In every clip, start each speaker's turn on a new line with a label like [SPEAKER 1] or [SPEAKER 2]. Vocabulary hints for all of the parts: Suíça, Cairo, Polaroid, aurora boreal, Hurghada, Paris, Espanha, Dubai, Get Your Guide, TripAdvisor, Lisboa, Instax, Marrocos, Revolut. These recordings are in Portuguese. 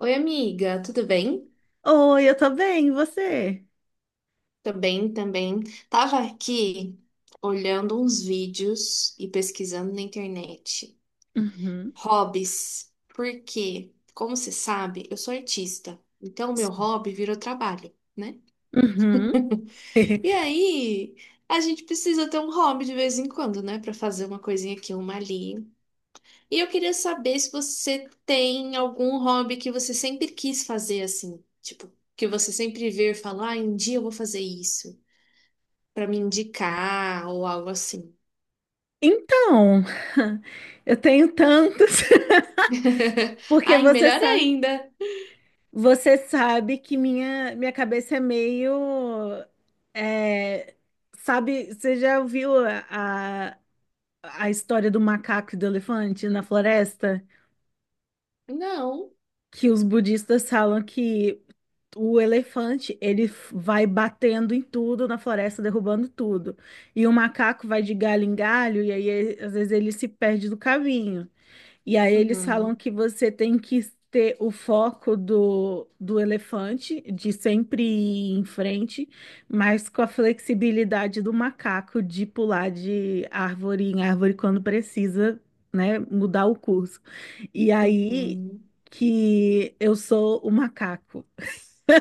[SPEAKER 1] Oi, amiga, tudo bem?
[SPEAKER 2] Oi, eu tô bem, e você?
[SPEAKER 1] Também, também. Tava aqui olhando uns vídeos e pesquisando na internet.
[SPEAKER 2] Uhum,
[SPEAKER 1] Hobbies. Porque, como você sabe, eu sou artista. Então, meu hobby virou trabalho, né?
[SPEAKER 2] uhum.
[SPEAKER 1] E aí, a gente precisa ter um hobby de vez em quando, né? Pra fazer uma coisinha aqui, uma ali. E eu queria saber se você tem algum hobby que você sempre quis fazer assim. Tipo, que você sempre vê e fala, ah, um dia eu vou fazer isso, para me indicar ou algo assim.
[SPEAKER 2] Então, eu tenho tantos. Porque
[SPEAKER 1] Ai, melhor ainda.
[SPEAKER 2] você sabe que minha cabeça é meio, é, sabe, você já ouviu a, a história do macaco e do elefante na floresta?
[SPEAKER 1] Não.
[SPEAKER 2] Que os budistas falam que o elefante, ele vai batendo em tudo na floresta, derrubando tudo. E o macaco vai de galho em galho, e aí às vezes ele se perde do caminho. E aí eles falam
[SPEAKER 1] Uhum.
[SPEAKER 2] que você tem que ter o foco do elefante, de sempre ir em frente, mas com a flexibilidade do macaco de pular de árvore em árvore quando precisa, né, mudar o curso. E aí
[SPEAKER 1] Uhum.
[SPEAKER 2] que eu sou o macaco.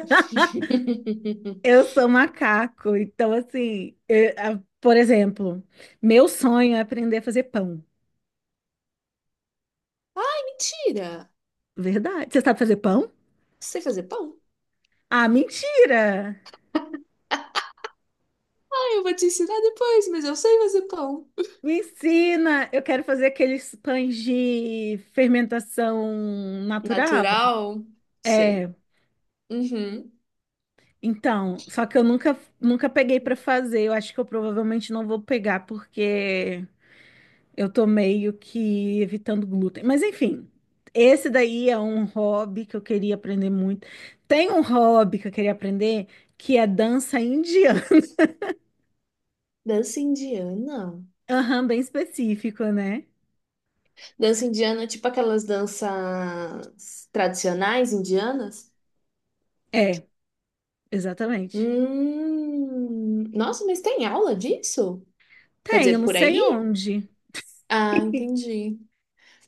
[SPEAKER 2] Eu sou macaco, então assim, por exemplo, meu sonho é aprender a fazer pão.
[SPEAKER 1] Mentira.
[SPEAKER 2] Verdade. Você sabe fazer pão?
[SPEAKER 1] Sei fazer pão?
[SPEAKER 2] Ah, mentira!
[SPEAKER 1] Ah, eu vou te ensinar depois, mas eu sei fazer pão.
[SPEAKER 2] Me ensina! Eu quero fazer aqueles pães de fermentação natural.
[SPEAKER 1] Natural? Sei.
[SPEAKER 2] É,
[SPEAKER 1] Uhum.
[SPEAKER 2] então, só que eu nunca peguei para fazer. Eu acho que eu provavelmente não vou pegar porque eu tô meio que evitando glúten. Mas enfim, esse daí é um hobby que eu queria aprender muito. Tem um hobby que eu queria aprender que é dança indiana.
[SPEAKER 1] Dança indiana?
[SPEAKER 2] Aham, bem específico, né?
[SPEAKER 1] Dança indiana, é tipo aquelas danças tradicionais indianas?
[SPEAKER 2] É, exatamente.
[SPEAKER 1] Hum. Nossa, mas tem aula disso? Quer
[SPEAKER 2] Tem, eu
[SPEAKER 1] dizer,
[SPEAKER 2] não
[SPEAKER 1] por
[SPEAKER 2] sei
[SPEAKER 1] aí?
[SPEAKER 2] onde.
[SPEAKER 1] Ah, entendi.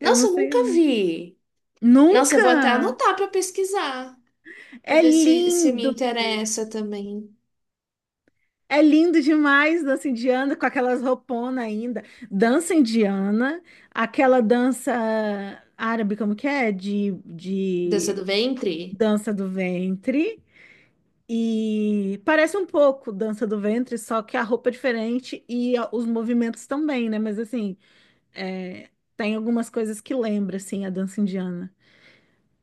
[SPEAKER 2] Eu não
[SPEAKER 1] Nossa, eu
[SPEAKER 2] sei
[SPEAKER 1] nunca
[SPEAKER 2] onde.
[SPEAKER 1] vi. Nossa, eu vou até
[SPEAKER 2] Nunca!
[SPEAKER 1] anotar para pesquisar, para
[SPEAKER 2] É
[SPEAKER 1] ver se me
[SPEAKER 2] lindo!
[SPEAKER 1] interessa também.
[SPEAKER 2] É lindo demais dança indiana, com aquelas rouponas ainda. Dança indiana, aquela dança árabe, como que é? De,
[SPEAKER 1] Dança
[SPEAKER 2] de
[SPEAKER 1] do ventre?
[SPEAKER 2] Dança do Ventre. E parece um pouco Dança do Ventre, só que a roupa é diferente e os movimentos também, né? Mas assim, é, tem algumas coisas que lembra, assim, a dança indiana.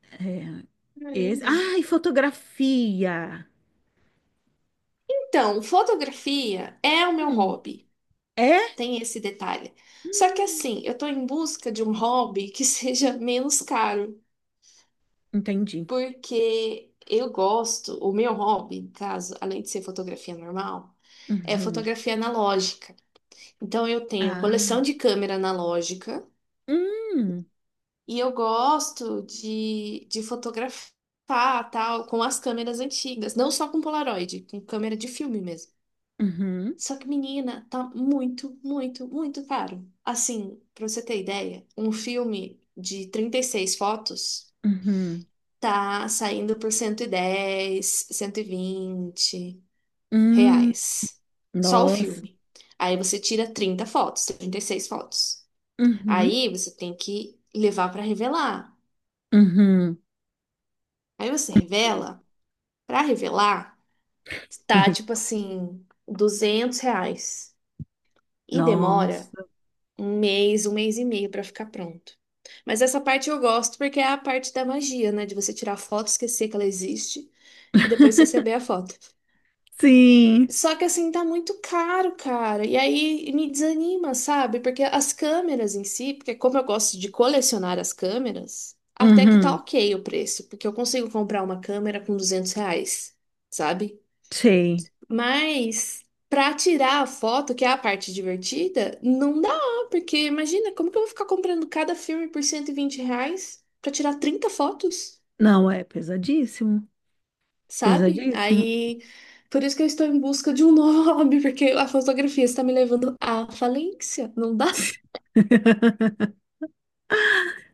[SPEAKER 2] É, esse...
[SPEAKER 1] Caramba.
[SPEAKER 2] Ah, e fotografia!
[SPEAKER 1] Então, fotografia é o meu
[SPEAKER 2] Hum,
[SPEAKER 1] hobby.
[SPEAKER 2] é?
[SPEAKER 1] Tem esse detalhe. Só que assim, eu tô em busca de um hobby que seja menos caro,
[SPEAKER 2] Entendi.
[SPEAKER 1] porque eu gosto, o meu hobby, no caso, além de ser fotografia normal, é
[SPEAKER 2] Uhum.
[SPEAKER 1] fotografia analógica. Então eu tenho
[SPEAKER 2] Ah.
[SPEAKER 1] coleção de câmera analógica,
[SPEAKER 2] Hum.
[SPEAKER 1] E eu gosto de fotografar, tal, com as câmeras antigas, não só com Polaroid, com câmera de filme mesmo.
[SPEAKER 2] Uhum.
[SPEAKER 1] Só que, menina, tá muito, muito, muito caro. Assim, pra você ter ideia, um filme de 36 fotos
[SPEAKER 2] Uhum.
[SPEAKER 1] tá saindo por 110, cento e vinte
[SPEAKER 2] Hum.
[SPEAKER 1] reais. Só o
[SPEAKER 2] Nossa.
[SPEAKER 1] filme. Aí você tira 30 fotos, 36 fotos.
[SPEAKER 2] Uhum.
[SPEAKER 1] Aí você tem que levar pra revelar.
[SPEAKER 2] Uhum.
[SPEAKER 1] Aí você revela. Para revelar, tá tipo assim, R$ 200. E demora
[SPEAKER 2] Nossa.
[SPEAKER 1] um mês e meio para ficar pronto. Mas essa parte eu gosto porque é a parte da magia, né? De você tirar a foto, esquecer que ela existe e depois receber a foto.
[SPEAKER 2] Sim.
[SPEAKER 1] Só que assim, tá muito caro, cara. E aí me desanima, sabe? Porque as câmeras em si, porque como eu gosto de colecionar as câmeras, até que tá
[SPEAKER 2] Uhum.
[SPEAKER 1] ok o preço, porque eu consigo comprar uma câmera com R$ 200, sabe?
[SPEAKER 2] Sei.
[SPEAKER 1] Mas para tirar a foto, que é a parte divertida, não dá, porque imagina, como que eu vou ficar comprando cada filme por R$ 120 para tirar 30 fotos,
[SPEAKER 2] Não, é pesadíssimo.
[SPEAKER 1] sabe?
[SPEAKER 2] Pesadíssimo.
[SPEAKER 1] Aí, por isso que eu estou em busca de um novo hobby, porque a fotografia está me levando à falência, não dá?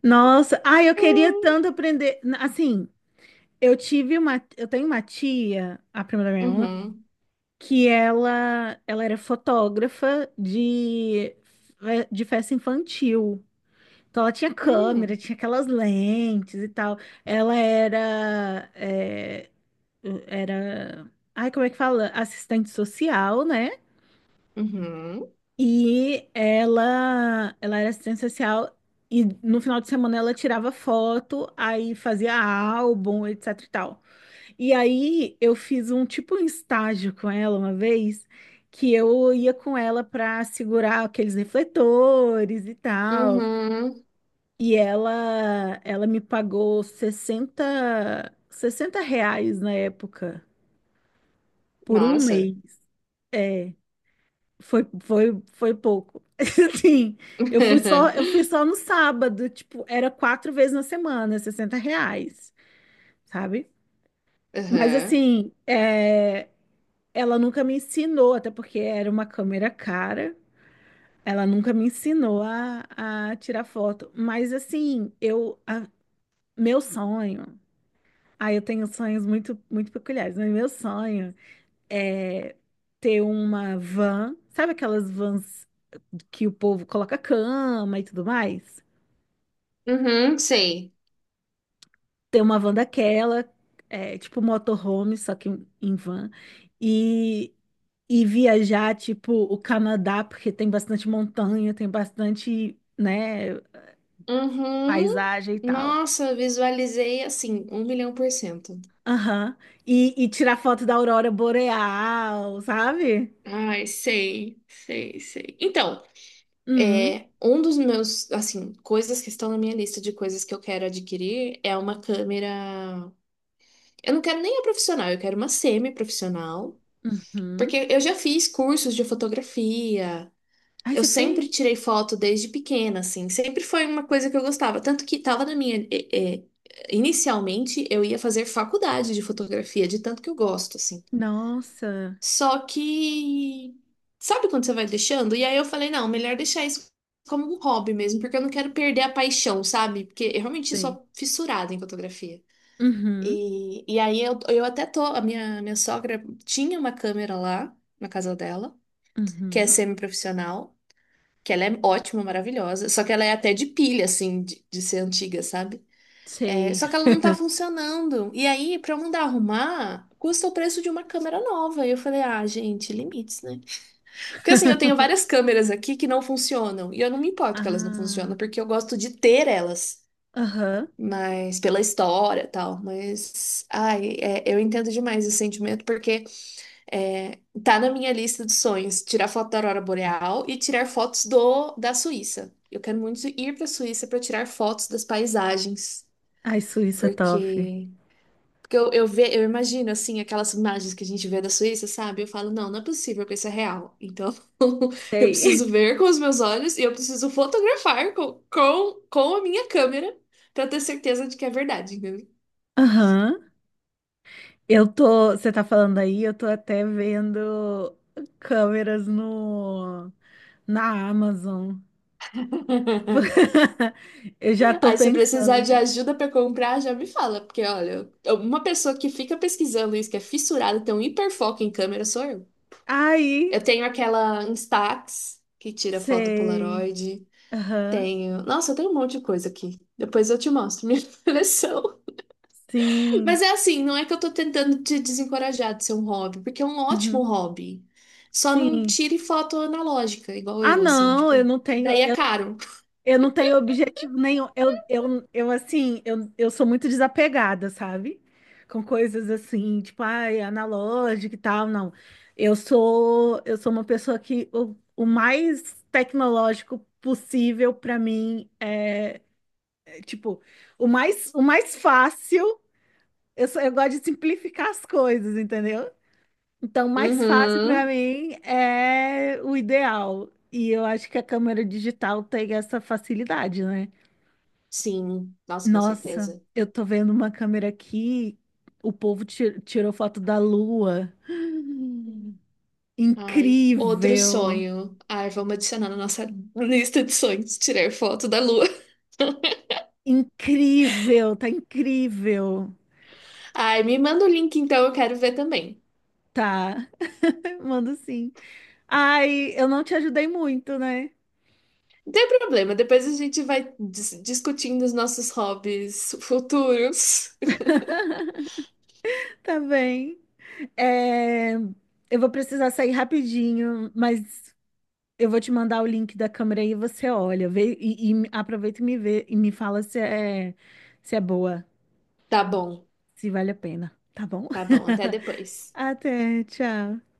[SPEAKER 2] Nossa, ai, eu queria tanto aprender. Assim, eu tenho uma tia, a prima da minha mãe,
[SPEAKER 1] Uhum.
[SPEAKER 2] que ela era fotógrafa de, de festa infantil. Então ela tinha câmera,
[SPEAKER 1] Hum.
[SPEAKER 2] tinha aquelas lentes e tal. Ela era, é, era, ai, como é que fala? Assistente social, né?
[SPEAKER 1] Uhum.
[SPEAKER 2] E ela era assistente social e no final de semana ela tirava foto, aí fazia álbum, etc e tal. E aí eu fiz um tipo um estágio com ela uma vez, que eu ia com ela para segurar aqueles refletores e tal.
[SPEAKER 1] Uhum.
[SPEAKER 2] E ela me pagou 60, 60 reais na época por um
[SPEAKER 1] Nossa.
[SPEAKER 2] mês. É. Foi pouco. Assim, eu fui só no sábado, tipo, era quatro vezes na semana, 60 reais, sabe? Mas
[SPEAKER 1] Uhum.
[SPEAKER 2] assim, é, ela nunca me ensinou, até porque era uma câmera cara, ela nunca me ensinou a tirar foto. Mas assim, meu sonho, ah, eu tenho sonhos muito peculiares, mas meu sonho é ter uma van, sabe aquelas vans que o povo coloca cama e tudo mais.
[SPEAKER 1] Uhum. Sei.
[SPEAKER 2] Tem uma van daquela, é, tipo motorhome, só que em van. E, e viajar, tipo, o Canadá, porque tem bastante montanha, tem bastante, né,
[SPEAKER 1] Uhum.
[SPEAKER 2] paisagem e tal.
[SPEAKER 1] Nossa, visualizei assim, 1.000.000%.
[SPEAKER 2] Aham. E tirar foto da aurora boreal, sabe?
[SPEAKER 1] Ai, sei, sei, sei. Então,
[SPEAKER 2] Hum,
[SPEAKER 1] é, um dos meus, assim, coisas que estão na minha lista de coisas que eu quero adquirir é uma câmera. Eu não quero nem a profissional, eu quero uma semi-profissional.
[SPEAKER 2] uhum.
[SPEAKER 1] Porque eu já fiz cursos de fotografia,
[SPEAKER 2] Ai,
[SPEAKER 1] Eu
[SPEAKER 2] você fez?
[SPEAKER 1] sempre tirei foto desde pequena, assim, sempre foi uma coisa que eu gostava. Tanto que tava na minha. Inicialmente eu ia fazer faculdade de fotografia, de tanto que eu gosto, assim.
[SPEAKER 2] Nossa,
[SPEAKER 1] Só que. Sabe quando você vai deixando? E aí eu falei, não, melhor deixar isso como um hobby mesmo, porque eu não quero perder a paixão, sabe? Porque eu realmente
[SPEAKER 2] sei.
[SPEAKER 1] sou fissurada em fotografia.
[SPEAKER 2] Uhum,
[SPEAKER 1] E aí eu até tô. A minha sogra tinha uma câmera lá, na casa dela, que é
[SPEAKER 2] uhum.
[SPEAKER 1] semi-profissional que ela é ótima, maravilhosa, só que ela é até de pilha, assim, de ser antiga, sabe? É,
[SPEAKER 2] Sei.
[SPEAKER 1] só que ela não tá funcionando. E aí, pra eu mandar arrumar, custa o preço de uma câmera nova. E eu falei, ah, gente, limites, né? Porque assim, eu tenho várias câmeras aqui que não funcionam. E eu não me importo que elas não
[SPEAKER 2] Ah,
[SPEAKER 1] funcionam, porque eu gosto de ter elas.
[SPEAKER 2] aham.
[SPEAKER 1] Mas pela história e tal. Mas, ai, é, eu entendo demais esse sentimento, porque. É, tá na minha lista de sonhos tirar foto da aurora boreal e tirar fotos do da Suíça. Eu quero muito ir para a Suíça para tirar fotos das paisagens,
[SPEAKER 2] Ai, Suíça top.
[SPEAKER 1] porque porque eu imagino assim aquelas imagens que a gente vê da Suíça, sabe? Eu falo, não, não é possível que isso é real. Então, eu
[SPEAKER 2] Sei.
[SPEAKER 1] preciso ver com os meus olhos e eu preciso fotografar com a minha câmera para ter certeza de que é verdade, entendeu?
[SPEAKER 2] Aham. Eu tô. Você tá falando aí, eu tô até vendo câmeras no, na Amazon. Eu já tô
[SPEAKER 1] Aí, se eu
[SPEAKER 2] pensando
[SPEAKER 1] precisar de
[SPEAKER 2] assim.
[SPEAKER 1] ajuda para comprar, já me fala, porque olha, uma pessoa que fica pesquisando isso, que é fissurada, tem um hiperfoco em câmera, sou eu.
[SPEAKER 2] Aí,
[SPEAKER 1] Eu tenho aquela Instax, que tira foto
[SPEAKER 2] sei.
[SPEAKER 1] Polaroid.
[SPEAKER 2] Aham.
[SPEAKER 1] Tenho. Nossa, eu tenho um monte de coisa aqui. Depois eu te mostro minha coleção.
[SPEAKER 2] Sim.
[SPEAKER 1] Mas é assim, não é que eu tô tentando te desencorajar de ser um hobby, porque é um ótimo
[SPEAKER 2] Uhum.
[SPEAKER 1] hobby. Só não
[SPEAKER 2] Sim.
[SPEAKER 1] tire foto analógica, igual
[SPEAKER 2] Ah,
[SPEAKER 1] eu, assim,
[SPEAKER 2] não, eu
[SPEAKER 1] tipo,
[SPEAKER 2] não
[SPEAKER 1] que
[SPEAKER 2] tenho.
[SPEAKER 1] daí é caro.
[SPEAKER 2] Eu não tenho objetivo nenhum. Eu sou muito desapegada, sabe? Com coisas assim, tipo, ai, analógica e tal, não. Eu sou uma pessoa que o mais tecnológico possível para mim é, é, tipo, o mais fácil, eu gosto de simplificar as coisas, entendeu? Então, mais fácil para
[SPEAKER 1] Uhum.
[SPEAKER 2] mim é o ideal. E eu acho que a câmera digital tem essa facilidade, né?
[SPEAKER 1] Sim, nossa, com
[SPEAKER 2] Nossa,
[SPEAKER 1] certeza.
[SPEAKER 2] eu tô vendo uma câmera aqui. O povo tirou foto da lua.
[SPEAKER 1] Ai, outro
[SPEAKER 2] Incrível!
[SPEAKER 1] sonho. Ai, vamos adicionar na nossa lista de sonhos, tirar foto da lua.
[SPEAKER 2] Incrível! Tá incrível!
[SPEAKER 1] Ai, me manda o link então, eu quero ver também.
[SPEAKER 2] Tá. Mando sim. Ai, eu não te ajudei muito, né?
[SPEAKER 1] Não tem problema, depois a gente vai discutindo os nossos hobbies futuros.
[SPEAKER 2] Tá bem. É, eu vou precisar sair rapidinho, mas eu vou te mandar o link da câmera aí e você olha. Vê, e aproveita e me vê e me fala se é, se é boa,
[SPEAKER 1] Tá bom,
[SPEAKER 2] se vale a pena, tá bom?
[SPEAKER 1] tá bom, até depois.
[SPEAKER 2] Até, tchau.